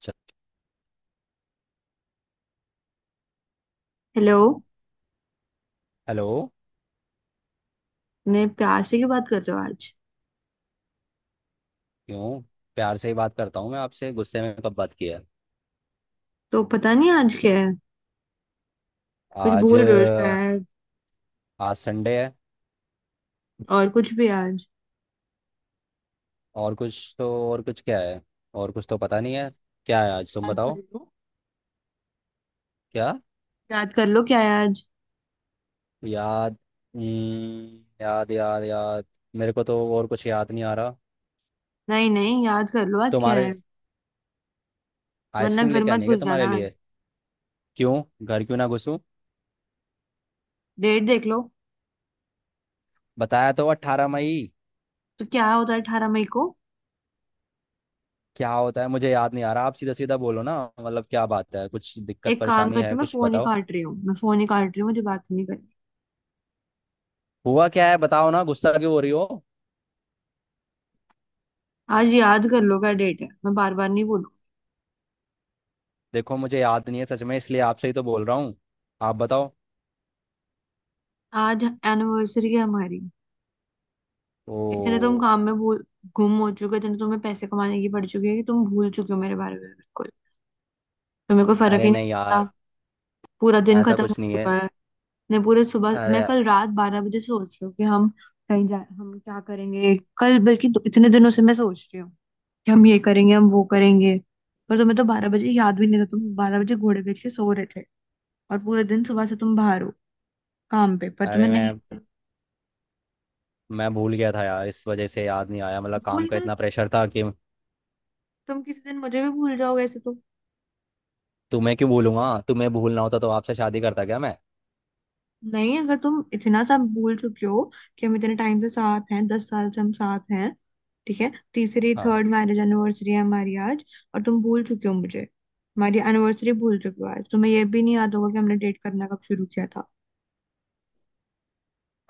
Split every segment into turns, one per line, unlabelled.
च-
hello.
Hello.
ने प्यार से क्यों बात कर रहे हो आज?
क्यों? प्यार से ही बात करता हूँ मैं आपसे, गुस्से में कब बात किया?
तो पता नहीं आज क्या है। कुछ
आज?
भूल रहे हो शायद।
आज संडे है।
और कुछ भी आज?
और कुछ तो और कुछ क्या है? और कुछ तो पता नहीं है। क्या है आज, तुम
याद कर
बताओ।
लो।
क्या?
याद कर लो क्या है आज।
याद? याद। मेरे को तो और कुछ याद नहीं आ रहा।
नहीं नहीं, याद कर लो आज क्या
तुम्हारे
है। वरना
आइसक्रीम
घर
लेके आनी
मत
है क्या
घुस
तुम्हारे
जाना आज।
लिए? क्यों घर क्यों ना घुसूं?
डेट देख लो।
बताया तो, अट्ठारह मई।
तो क्या होता है 18 मई को?
क्या होता है मुझे याद नहीं आ रहा, आप सीधा सीधा बोलो ना, मतलब क्या बात है, कुछ दिक्कत
एक काम
परेशानी
करती
है
हूँ, मैं
कुछ
फोन ही
बताओ।
काट रही हूँ, मैं फोन ही काट रही हूँ, मुझे बात नहीं करनी।
हुआ क्या है बताओ ना, गुस्सा क्यों हो रही हो?
आज याद कर लो क्या डेट है, मैं बार बार नहीं बोलूँ।
देखो मुझे याद नहीं है सच में, इसलिए आपसे ही तो बोल रहा हूँ। आप बताओ।
आज एनिवर्सरी है हमारी। इतने तुम
ओ।
काम में भूल गुम हो चुके हो, इतने तुम्हें पैसे कमाने की पड़ चुकी है कि तुम भूल चुके हो मेरे बारे में बिल्कुल। तो मेरे को फर्क
अरे
ही नहीं
नहीं
पड़ता।
यार,
पूरा दिन
ऐसा
खत्म हो
कुछ नहीं है।
चुका है। मैं पूरे सुबह मैं
अरे,
कल रात 12 बजे सोच रही हूँ कि हम कहीं जा, हम क्या करेंगे कल, बल्कि इतने दिनों से मैं सोच रही हूँ कि हम ये करेंगे, हम वो करेंगे। पर तुम्हें तो 12 बजे याद भी नहीं था, तुम 12 बजे घोड़े बेच के सो रहे थे। और पूरे दिन सुबह से तुम बाहर हो काम पे, पर
अरे
तुम्हें नहीं।
मैं मैं भूल गया था यार, इस वजह से याद नहीं आया, मतलब काम
भूल
का
गए?
इतना प्रेशर था कि।
तुम किसी दिन मुझे भी भूल जाओगे ऐसे तो।
तुम्हें क्यों भूलूंगा? तुम्हें भूलना होता तो आपसे शादी करता क्या मैं?
नहीं, अगर तुम इतना सा भूल चुके हो कि हम इतने टाइम से साथ हैं, दस साल से हम साथ हैं। ठीक है, तीसरी
हाँ।
थर्ड मैरिज एनिवर्सरी है हमारी आज। और तुम भूल चुके हो मुझे, हमारी एनिवर्सरी भूल चुके हो, आज तुम्हें ये भी नहीं याद होगा कि हमने डेट करना कब शुरू किया था।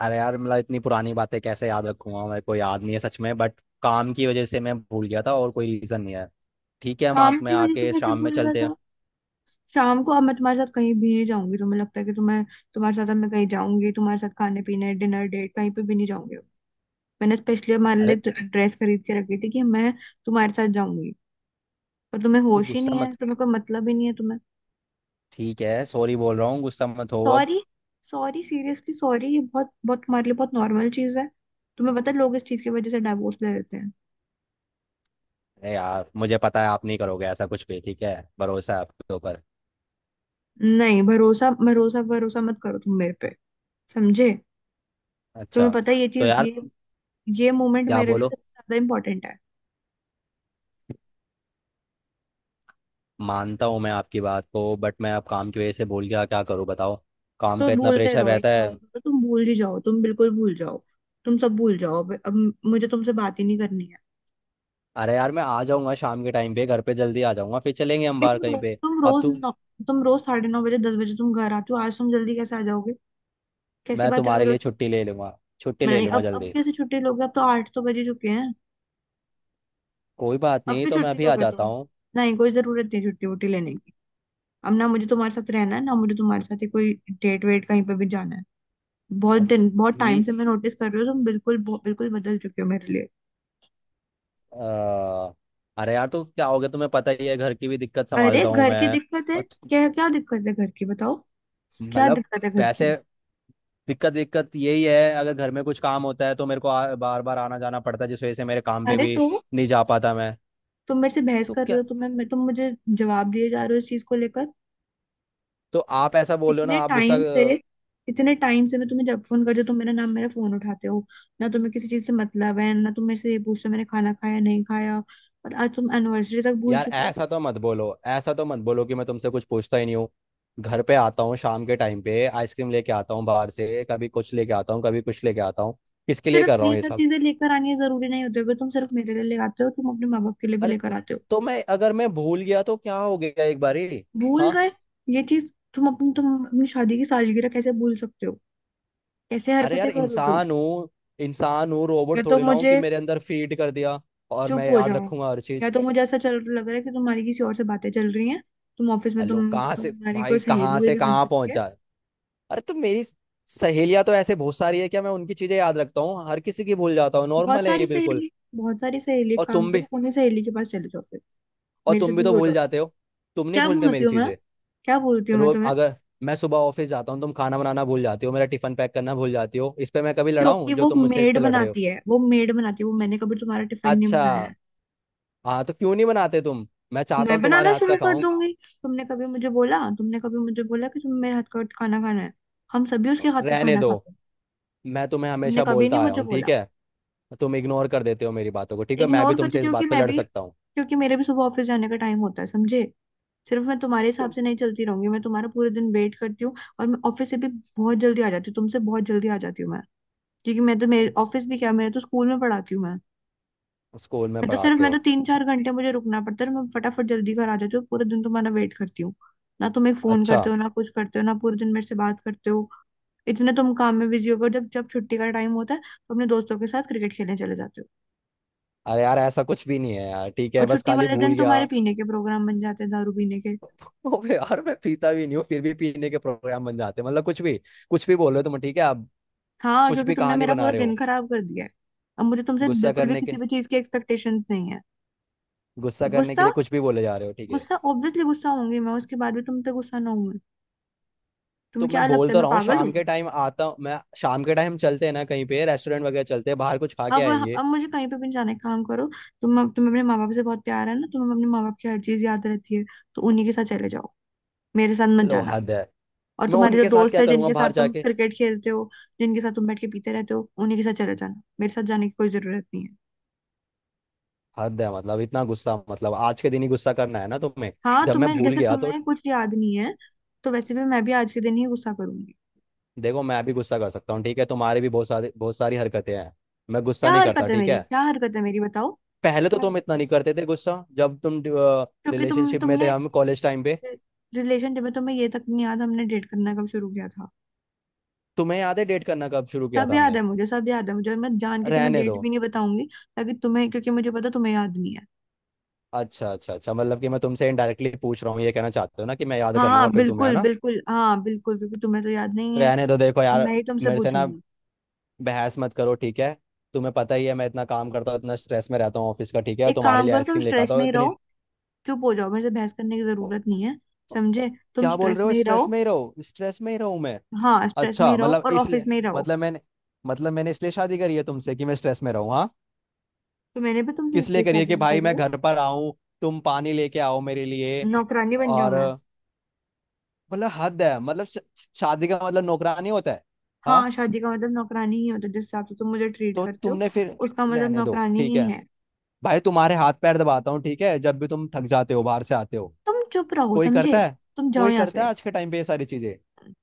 अरे यार मतलब इतनी पुरानी बातें कैसे याद रखूंगा, मेरे को याद नहीं है सच में, बट काम की वजह से मैं भूल गया था, और कोई रीज़न नहीं है। ठीक है, हम आग
काम
में
की वजह से
आके
कैसे
शाम में
भूल गया
चलते हैं।
था? शाम को अब मैं तुम्हारे साथ कहीं भी नहीं जाऊंगी। तुम्हें लगता है कि तुम्हें, तुम्हारे साथ अब मैं कहीं जाऊंगी? तुम्हारे साथ खाने पीने डिनर डेट कहीं पे भी नहीं जाऊंगी। मैंने स्पेशली हमारे लिए
अरे
ड्रेस खरीद के रखी थी कि मैं तुम्हारे साथ जाऊंगी। पर तुम्हें
तो
होश ही
गुस्सा
नहीं
मत।
है, तुम्हें कोई मतलब ही नहीं है तुम्हें।
ठीक है सॉरी बोल रहा हूँ, गुस्सा मत हो अब।
सॉरी? सॉरी, सीरियसली सॉरी ये बहुत बहुत तुम्हारे लिए बहुत नॉर्मल चीज है। तुम्हें पता है लोग इस चीज की वजह से डाइवोर्स ले लेते हैं।
अरे यार मुझे पता है आप नहीं करोगे ऐसा कुछ भी, ठीक है। भरोसा है आपके ऊपर।
नहीं, भरोसा भरोसा भरोसा मत करो तुम मेरे पे, समझे? तुम्हें
अच्छा।
पता है ये
तो
चीज,
यार
ये मोमेंट
क्या
मेरे लिए
बोलो।
सबसे ज्यादा इंपॉर्टेंट है।
मानता हूँ मैं आपकी बात को, बट मैं अब काम की वजह से भूल गया, क्या करूँ बताओ। काम
तो
का इतना
भूलते
प्रेशर
रहो, एक
रहता है।
काम करो तुम भूल ही जाओ, तुम बिल्कुल भूल जाओ, तुम सब भूल जाओ। अब मुझे तुमसे बात ही नहीं करनी है।
अरे यार मैं आ जाऊंगा शाम के टाइम पे, घर पे जल्दी आ जाऊंगा, फिर चलेंगे हम बाहर
तुम
कहीं
रो-
पे।
तुम
अब
रोज
तुम।
नौ, तुम रोज 9:30 बजे, 10 बजे तुम घर आते हो, आज तुम जल्दी कैसे आ जाओगे? कैसी
मैं
बातें
तुम्हारे
करो।
लिए छुट्टी ले लूंगा, छुट्टी ले
नहीं,
लूंगा
अब
जल्दी।
कैसे छुट्टी लोगे? अब तो 8 तो बज ही चुके हैं।
कोई बात
अब
नहीं,
क्यों
तो मैं
छुट्टी
अभी आ
लोगे
जाता
तुम?
हूँ।
नहीं, कोई जरूरत नहीं छुट्टी वुट्टी लेने की। अब ना मुझे तुम्हारे साथ रहना है, ना मुझे तुम्हारे साथ ही कोई डेट वेट कहीं पे भी जाना है। बहुत दिन, बहुत टाइम
ठीक।
से मैं नोटिस कर रही हूँ, तुम बिल्कुल बिल्कुल बदल चुके हो मेरे लिए।
अ, अरे यार तो क्या हो गया, तुम्हें पता ही है, घर की भी दिक्कत
अरे
संभालता हूँ
घर की
मैं।
दिक्कत है?
और
क्या क्या दिक्कत है घर की, बताओ? क्या
मतलब
दिक्कत है घर की?
पैसे, दिक्कत दिक्कत यही है, अगर घर में कुछ काम होता है तो मेरे को बार बार आना जाना पड़ता है, जिस वजह से मेरे काम पे
अरे
भी
तो
नहीं जा पाता मैं।
तुम मेरे से बहस
तो
कर रहे
क्या?
हो, तुम मुझे जवाब दिए जा रहे हो इस चीज को लेकर।
तो आप ऐसा बोल रहे हो
इतने
ना, आप गुस्सा
टाइम से
अ,
इतने टाइम से मैं तुम्हें जब फोन करती हूँ, तुम मेरा नाम मेरा फोन उठाते हो, ना तुम्हें किसी चीज से मतलब है, ना तुम मेरे से ये पूछते हो मैंने खाना खाया नहीं खाया। और आज तुम एनिवर्सरी तक भूल
यार
चुके हो।
ऐसा तो मत बोलो, ऐसा तो मत बोलो कि मैं तुमसे कुछ पूछता ही नहीं हूँ। घर पे आता हूँ शाम के टाइम पे आइसक्रीम लेके आता हूँ, बाहर से कभी कुछ लेके आता हूँ, कभी कुछ लेके आता हूँ। किसके लिए कर
सिर्फ
रहा
ये
हूँ ये
सब
सब?
चीजें लेकर आनी है जरूरी नहीं होती, अगर तुम सिर्फ मेरे लिए ले आते हो, तुम अपने माँ बाप के लिए भी
अरे
लेकर
तो,
आते हो।
तो मैं, अगर मैं भूल गया तो क्या हो गया एक बारी।
भूल
हाँ।
गए? ये चीज तुम अपनी, तुम अपनी शादी की सालगिरह कैसे भूल सकते हो? कैसे
अरे यार,
हरकतें कर रहे हो तुम।
इंसान हूँ। इंसान हूँ,
या
रोबोट
तो
थोड़ी ना हूँ कि
मुझे
मेरे अंदर फीड कर दिया और मैं
चुप हो
याद
जाओ।
रखूंगा हर
या
चीज।
तो मुझे ऐसा चल लग रहा है कि तुम्हारी किसी और से बातें चल रही हैं। तुम ऑफिस में
अलो, कहाँ से
तुम्हारी कोई
भाई,
सहेली
कहाँ से
वेली बन
कहाँ
सकती है।
पहुंचा। अरे तो मेरी सहेलियां तो ऐसे बहुत सारी है, क्या मैं उनकी चीजें याद रखता हूँ? हर किसी की भूल जाता हूँ, नॉर्मल है ये बिल्कुल।
बहुत सारी सहेली, एक
और
काम
तुम भी,
करो उन्हीं सहेली के पास चले जाओ फिर,
और
मेरे से
तुम भी तो
दूर हो
भूल
जाओ तुम।
जाते हो। तुम नहीं
क्या
भूलते
बोलती
मेरी
हूँ मैं,
चीजें?
क्या बोलती हूँ मैं
रोज
तुम्हें?
अगर मैं सुबह ऑफिस जाता हूँ तुम खाना बनाना भूल जाती हो, मेरा टिफिन पैक करना भूल जाती हो, इस पे मैं कभी लड़ा हूँ?
क्योंकि
जो
वो
तुम मुझसे इस
मेड
पे लड़ रहे हो।
बनाती है, वो मैंने कभी तुम्हारा टिफिन नहीं
अच्छा।
बनाया है।
हाँ तो क्यों नहीं बनाते तुम? मैं चाहता
मैं
हूँ तुम्हारे
बनाना
हाथ
शुरू
का
कर
खाऊं।
दूंगी। तुमने कभी मुझे बोला कि तुम्हें मेरे हाथ का खाना खाना है? हम सभी उसके हाथ का
रहने
खाना
दो।
खाते हैं।
मैं तुम्हें
तुमने
हमेशा
कभी नहीं
बोलता आया
मुझे
हूँ,
बोला।
ठीक है। तुम इग्नोर कर देते हो मेरी बातों को, ठीक है, मैं भी
इग्नोर करती
तुमसे इस
थी कि
बात पे
मैं
लड़
भी,
सकता हूँ।
क्योंकि मेरे भी सुबह ऑफिस जाने का टाइम होता है, समझे? सिर्फ मैं तुम्हारे हिसाब
तुम
से नहीं चलती रहूंगी। मैं तुम्हारा पूरे दिन वेट करती हूँ और मैं ऑफिस से भी बहुत जल्दी आ जाती हूँ, तुमसे बहुत जल्दी आ जाती हूँ मैं। क्योंकि मैं तो मेरे ऑफिस भी क्या, मेरे तो स्कूल में पढ़ाती हूँ मैं।
स्कूल में
मैं तो सिर्फ,
पढ़ाते
मैं तो
हो?
तीन चार
ठीक।
घंटे मुझे रुकना पड़ता है और मैं फटाफट जल्दी घर आ जाती हूँ, पूरे दिन तुम्हारा वेट करती हूँ। ना तुम एक फोन
अच्छा।
करते हो, ना कुछ करते हो, ना पूरे दिन मेरे से बात करते हो। इतने तुम काम में बिजी हो गए हो। जब जब छुट्टी का टाइम होता है तो अपने दोस्तों के साथ क्रिकेट खेलने चले जाते हो।
अरे यार ऐसा कुछ भी नहीं है यार, ठीक है,
और
बस
छुट्टी
खाली
वाले
भूल
दिन
गया।
तुम्हारे पीने के प्रोग्राम बन जाते हैं, दारू पीने के।
ओबे यार मैं पीता भी नहीं हूँ, फिर भी पीने के प्रोग्राम बन जाते हैं, मतलब कुछ भी। कुछ भी बोल रहे हो तुम, ठीक है अब।
हाँ,
कुछ
क्योंकि
भी
तुमने
कहानी
मेरा
बना
पूरा
रहे
दिन
हो।
खराब कर दिया है। अब मुझे तुमसे
गुस्सा
बिल्कुल भी
करने
किसी
के
भी चीज की एक्सपेक्टेशंस नहीं है।
गुस्सा करने के
गुस्सा?
लिए कुछ भी बोले जा रहे हो, ठीक है।
गुस्सा ऑब्वियसली गुस्सा होंगी मैं, उसके बाद भी तुम पे गुस्सा ना होंगी?
तो
तुम्हें
मैं
क्या
बोल
लगता है
तो
मैं
रहा हूँ
पागल हूँ?
शाम के टाइम आता हूँ मैं, शाम के टाइम चलते हैं ना कहीं पे, रेस्टोरेंट वगैरह चलते हैं बाहर, कुछ खा के
अब
आएंगे।
अब मुझे कहीं पे भी नहीं जाना है, काम करो तुम। तुम्हें अपने माँ बाप से बहुत प्यार है ना, तुम्हें अपने माँ बाप की हर चीज याद रहती है, तो उन्हीं के साथ चले जाओ, मेरे साथ मत
लो,
जाना।
हद है।
और
मैं
तुम्हारे जो
उनके साथ
दोस्त
क्या
है
करूंगा
जिनके साथ
बाहर
तुम
जाके?
क्रिकेट खेलते हो, जिनके साथ तुम बैठ के पीते रहते हो, उन्हीं के साथ चले जाना, मेरे साथ जाने की कोई जरूरत नहीं है।
हद है मतलब, इतना गुस्सा मतलब, आज के दिन ही गुस्सा करना है ना तुम्हें?
हाँ
जब मैं
तुम्हें,
भूल
जैसे
गया तो।
तुम्हें कुछ याद नहीं है, तो वैसे भी मैं भी आज के दिन ही गुस्सा करूंगी।
देखो मैं भी गुस्सा कर सकता हूँ ठीक है, तुम्हारी भी बहुत सारी हरकतें हैं, मैं गुस्सा
क्या
नहीं करता
हरकत है
ठीक
मेरी,
है।
क्या हरकत है मेरी बताओ?
पहले तो
क्या
तुम
हरकत
इतना
है?
नहीं करते थे गुस्सा, जब तुम
क्योंकि
रिलेशनशिप में थे,
तुमने
हम कॉलेज टाइम पे।
रिलेशनशिप में, तुम्हें ये तक नहीं याद हमने डेट करना कब शुरू किया था।
तुम्हें याद है डेट करना कब शुरू किया
सब
था
याद
हमने?
है मुझे, सब याद है मुझे, मैं जान के तुम्हें
रहने दो।
डेट भी नहीं बताऊंगी, ताकि तुम्हें, क्योंकि मुझे पता तुम्हें याद नहीं है।
अच्छा अच्छा अच्छा, मतलब कि मैं तुमसे इनडायरेक्टली पूछ रहा हूँ ये कहना चाहते हो ना, कि मैं याद कर
हाँ
लूंगा फिर तुम्हें है
बिल्कुल,
ना?
बिल्कुल हाँ बिल्कुल, क्योंकि तुम्हें तो याद नहीं है।
रहने दो। देखो
अब
यार,
मैं ही तुमसे
मेरे से ना
पूछूंगी।
बहस मत करो ठीक है। तुम्हें पता ही है मैं इतना काम करता हूँ, इतना स्ट्रेस में रहता हूँ ऑफिस का, ठीक है?
एक
तुम्हारे
काम
लिए
करो, तुम
आइसक्रीम लेकर
स्ट्रेस
आता हूँ
में ही
इतनी।
रहो। चुप हो जाओ, मेरे से बहस करने की
ओ,
जरूरत नहीं है
ओ,
समझे। तुम
क्या बोल
स्ट्रेस
रहे हो,
में ही
स्ट्रेस
रहो।
में ही रहो, स्ट्रेस में ही रहूँ मैं?
हाँ, स्ट्रेस में ही
अच्छा,
रहो
मतलब
और ऑफिस
इसलिए,
में ही रहो।
मतलब मैंने मतलब मैंने इसलिए शादी करी है तुमसे कि मैं स्ट्रेस में रहूँ, हाँ?
तो मैंने भी तुमसे
किस लिए
इसलिए
करी है,
शादी
कि
नहीं
भाई
करी
मैं
है।
घर पर आऊँ, तुम पानी लेके आओ मेरे लिए?
नौकरानी बन जाऊं
और
मैं?
मतलब हद है, मतलब शादी का मतलब नौकरानी होता है? हाँ।
हाँ, शादी का मतलब नौकरानी ही होता है, मतलब जिस हिसाब से तुम मुझे ट्रीट
तो
करते हो
तुमने फिर,
उसका मतलब
रहने दो
नौकरानी
ठीक
ही
है।
है।
भाई तुम्हारे हाथ पैर दबाता हूँ ठीक है, जब भी तुम थक जाते हो बाहर से आते हो।
तुम चुप रहो
कोई
समझे,
करता है?
तुम जाओ
कोई
यहाँ
करता
से।
है आज के टाइम पे ये सारी चीजें?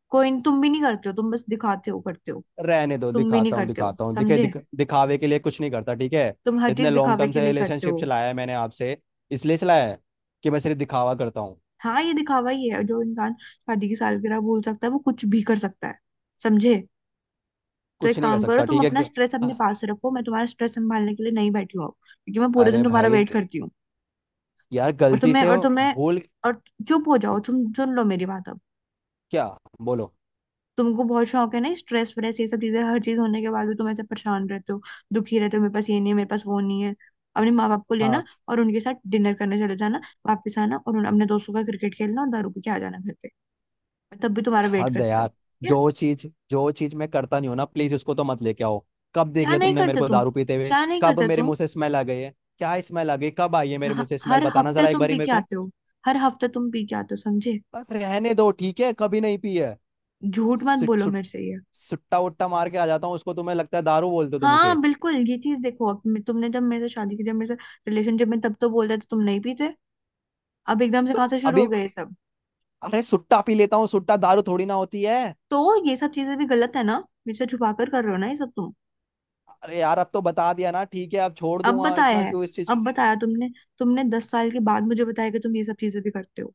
कोई नहीं, तुम भी नहीं करते हो, तुम बस दिखाते हो करते हो।
रहने दो,
तुम भी नहीं करते हो
दिखाता हूँ
समझे,
दिखावे के लिए कुछ नहीं करता ठीक है।
तुम हर चीज
इतने लॉन्ग
दिखावे
टर्म
के
से
लिए करते
रिलेशनशिप
हो।
चलाया है मैंने आपसे, इसलिए चलाया है कि मैं सिर्फ दिखावा करता हूँ?
हाँ, ये दिखावा ही है, जो इंसान शादी की सालगिरह भूल सकता है वो कुछ भी कर सकता है, समझे। तो
कुछ
एक
नहीं कर
काम करो,
सकता
तुम
ठीक है।
अपना स्ट्रेस अपने पास रखो, मैं तुम्हारा स्ट्रेस संभालने के लिए नहीं बैठी हूँ अब, क्योंकि मैं पूरे दिन
अरे
तुम्हारा
भाई,
वेट करती हूँ।
यार
और
गलती
तुम्हें
से
और
वो
तुम्हें
भूल।
और चुप हो जाओ तुम, सुन लो मेरी बात अब।
क्या बोलो।
तुमको बहुत शौक है ना स्ट्रेस व्रेस ये सब चीजें, हर चीज होने के बाद भी तुम ऐसे परेशान रहते हो, दुखी रहते हो, मेरे पास ये नहीं है, मेरे पास वो नहीं है। अपने माँ बाप को लेना
हाँ।
और उनके साथ डिनर करने चले जाना, वापस आना और उन अपने दोस्तों का क्रिकेट खेलना और दारू पी के आ जाना घर पे, मैं तब भी तुम्हारा वेट
हद है
करती रहूँ?
यार।
क्या?
जो चीज मैं करता नहीं हूं ना प्लीज, उसको तो मत लेके आओ। कब देख
क्या
लिया
नहीं
तुमने मेरे
करते
को
तुम,
दारू पीते हुए?
क्या नहीं
कब
करते
मेरे
तुम?
मुंह से स्मेल आ गई है, क्या स्मेल आ गई, कब आई है मेरे मुंह से स्मेल,
हर
बताना
हफ्ते
जरा एक
तुम
बारी
पी
मेरे
के
को।
आते हो, हर हफ्ते तुम पी के आते हो समझे।
पर रहने दो ठीक है, कभी नहीं पी है।
झूठ मत
सुट,
बोलो
सुट,
मेरे से ये।
सुट्टा उट्टा मार के आ जाता हूँ, उसको तुम्हें लगता है दारू, बोलते हो तुम
हाँ
इसे?
बिल्कुल, ये चीज देखो, अब तुमने जब मेरे से शादी की, जब मेरे से रिलेशनशिप में, तब तो बोलते थे तुम नहीं पीते, अब एकदम से कहाँ
तुम
से शुरू हो
अभी,
गए ये सब?
अरे सुट्टा पी लेता हूँ, सुट्टा दारू थोड़ी ना होती है।
तो ये सब चीजें भी गलत है ना, मेरे से छुपा कर कर रहे हो ना ये सब तुम।
अरे यार अब तो बता दिया ना ठीक है, अब छोड़
अब
दूंगा,
बताया
इतना
है,
क्यों इस चीज।
अब बताया तुमने, तुमने 10 साल के बाद मुझे बताया कि तुम ये सब चीजें भी करते हो।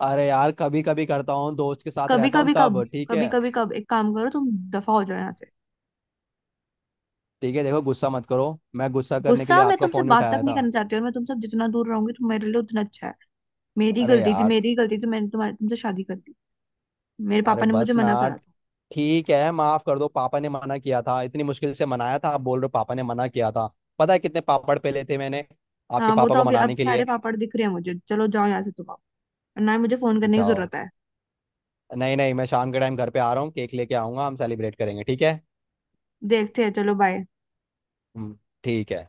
अरे यार कभी कभी करता हूँ, दोस्त के साथ
कभी
रहता हूँ
कभी कब?
तब, ठीक
कभी
है।
कभी कब? एक काम करो तुम दफा हो जाओ यहाँ से।
ठीक है देखो, गुस्सा मत करो। मैं गुस्सा करने के
गुस्सा?
लिए
मैं
आपका
तुमसे
फोन ही
बात तक
उठाया
नहीं
था?
करना चाहती, और मैं तुमसे जितना दूर रहूंगी तो मेरे लिए उतना अच्छा है। मेरी
अरे
गलती थी,
यार।
मेरी गलती थी, मैंने तुम्हारे, तुमसे शादी कर दी। मेरे
अरे
पापा ने मुझे
बस ना,
मना करा था।
ठीक है, माफ कर दो। पापा ने मना किया था, इतनी मुश्किल से मनाया था, आप बोल रहे हो पापा ने मना किया था। पता है कितने पापड़ पेले थे मैंने आपके
हाँ वो
पापा
तो
को
अभी, अब
मनाने के
सारे
लिए।
पापड़ दिख रहे हैं मुझे, चलो जाओ यहाँ से तुम, आओ ना ही, मुझे फोन करने की
जाओ।
जरूरत है।
नहीं नहीं, मैं शाम के टाइम घर पे आ रहा हूँ, केक लेके आऊंगा, हम सेलिब्रेट करेंगे ठीक है।
देखते हैं, चलो बाय।
हम्म, ठीक है।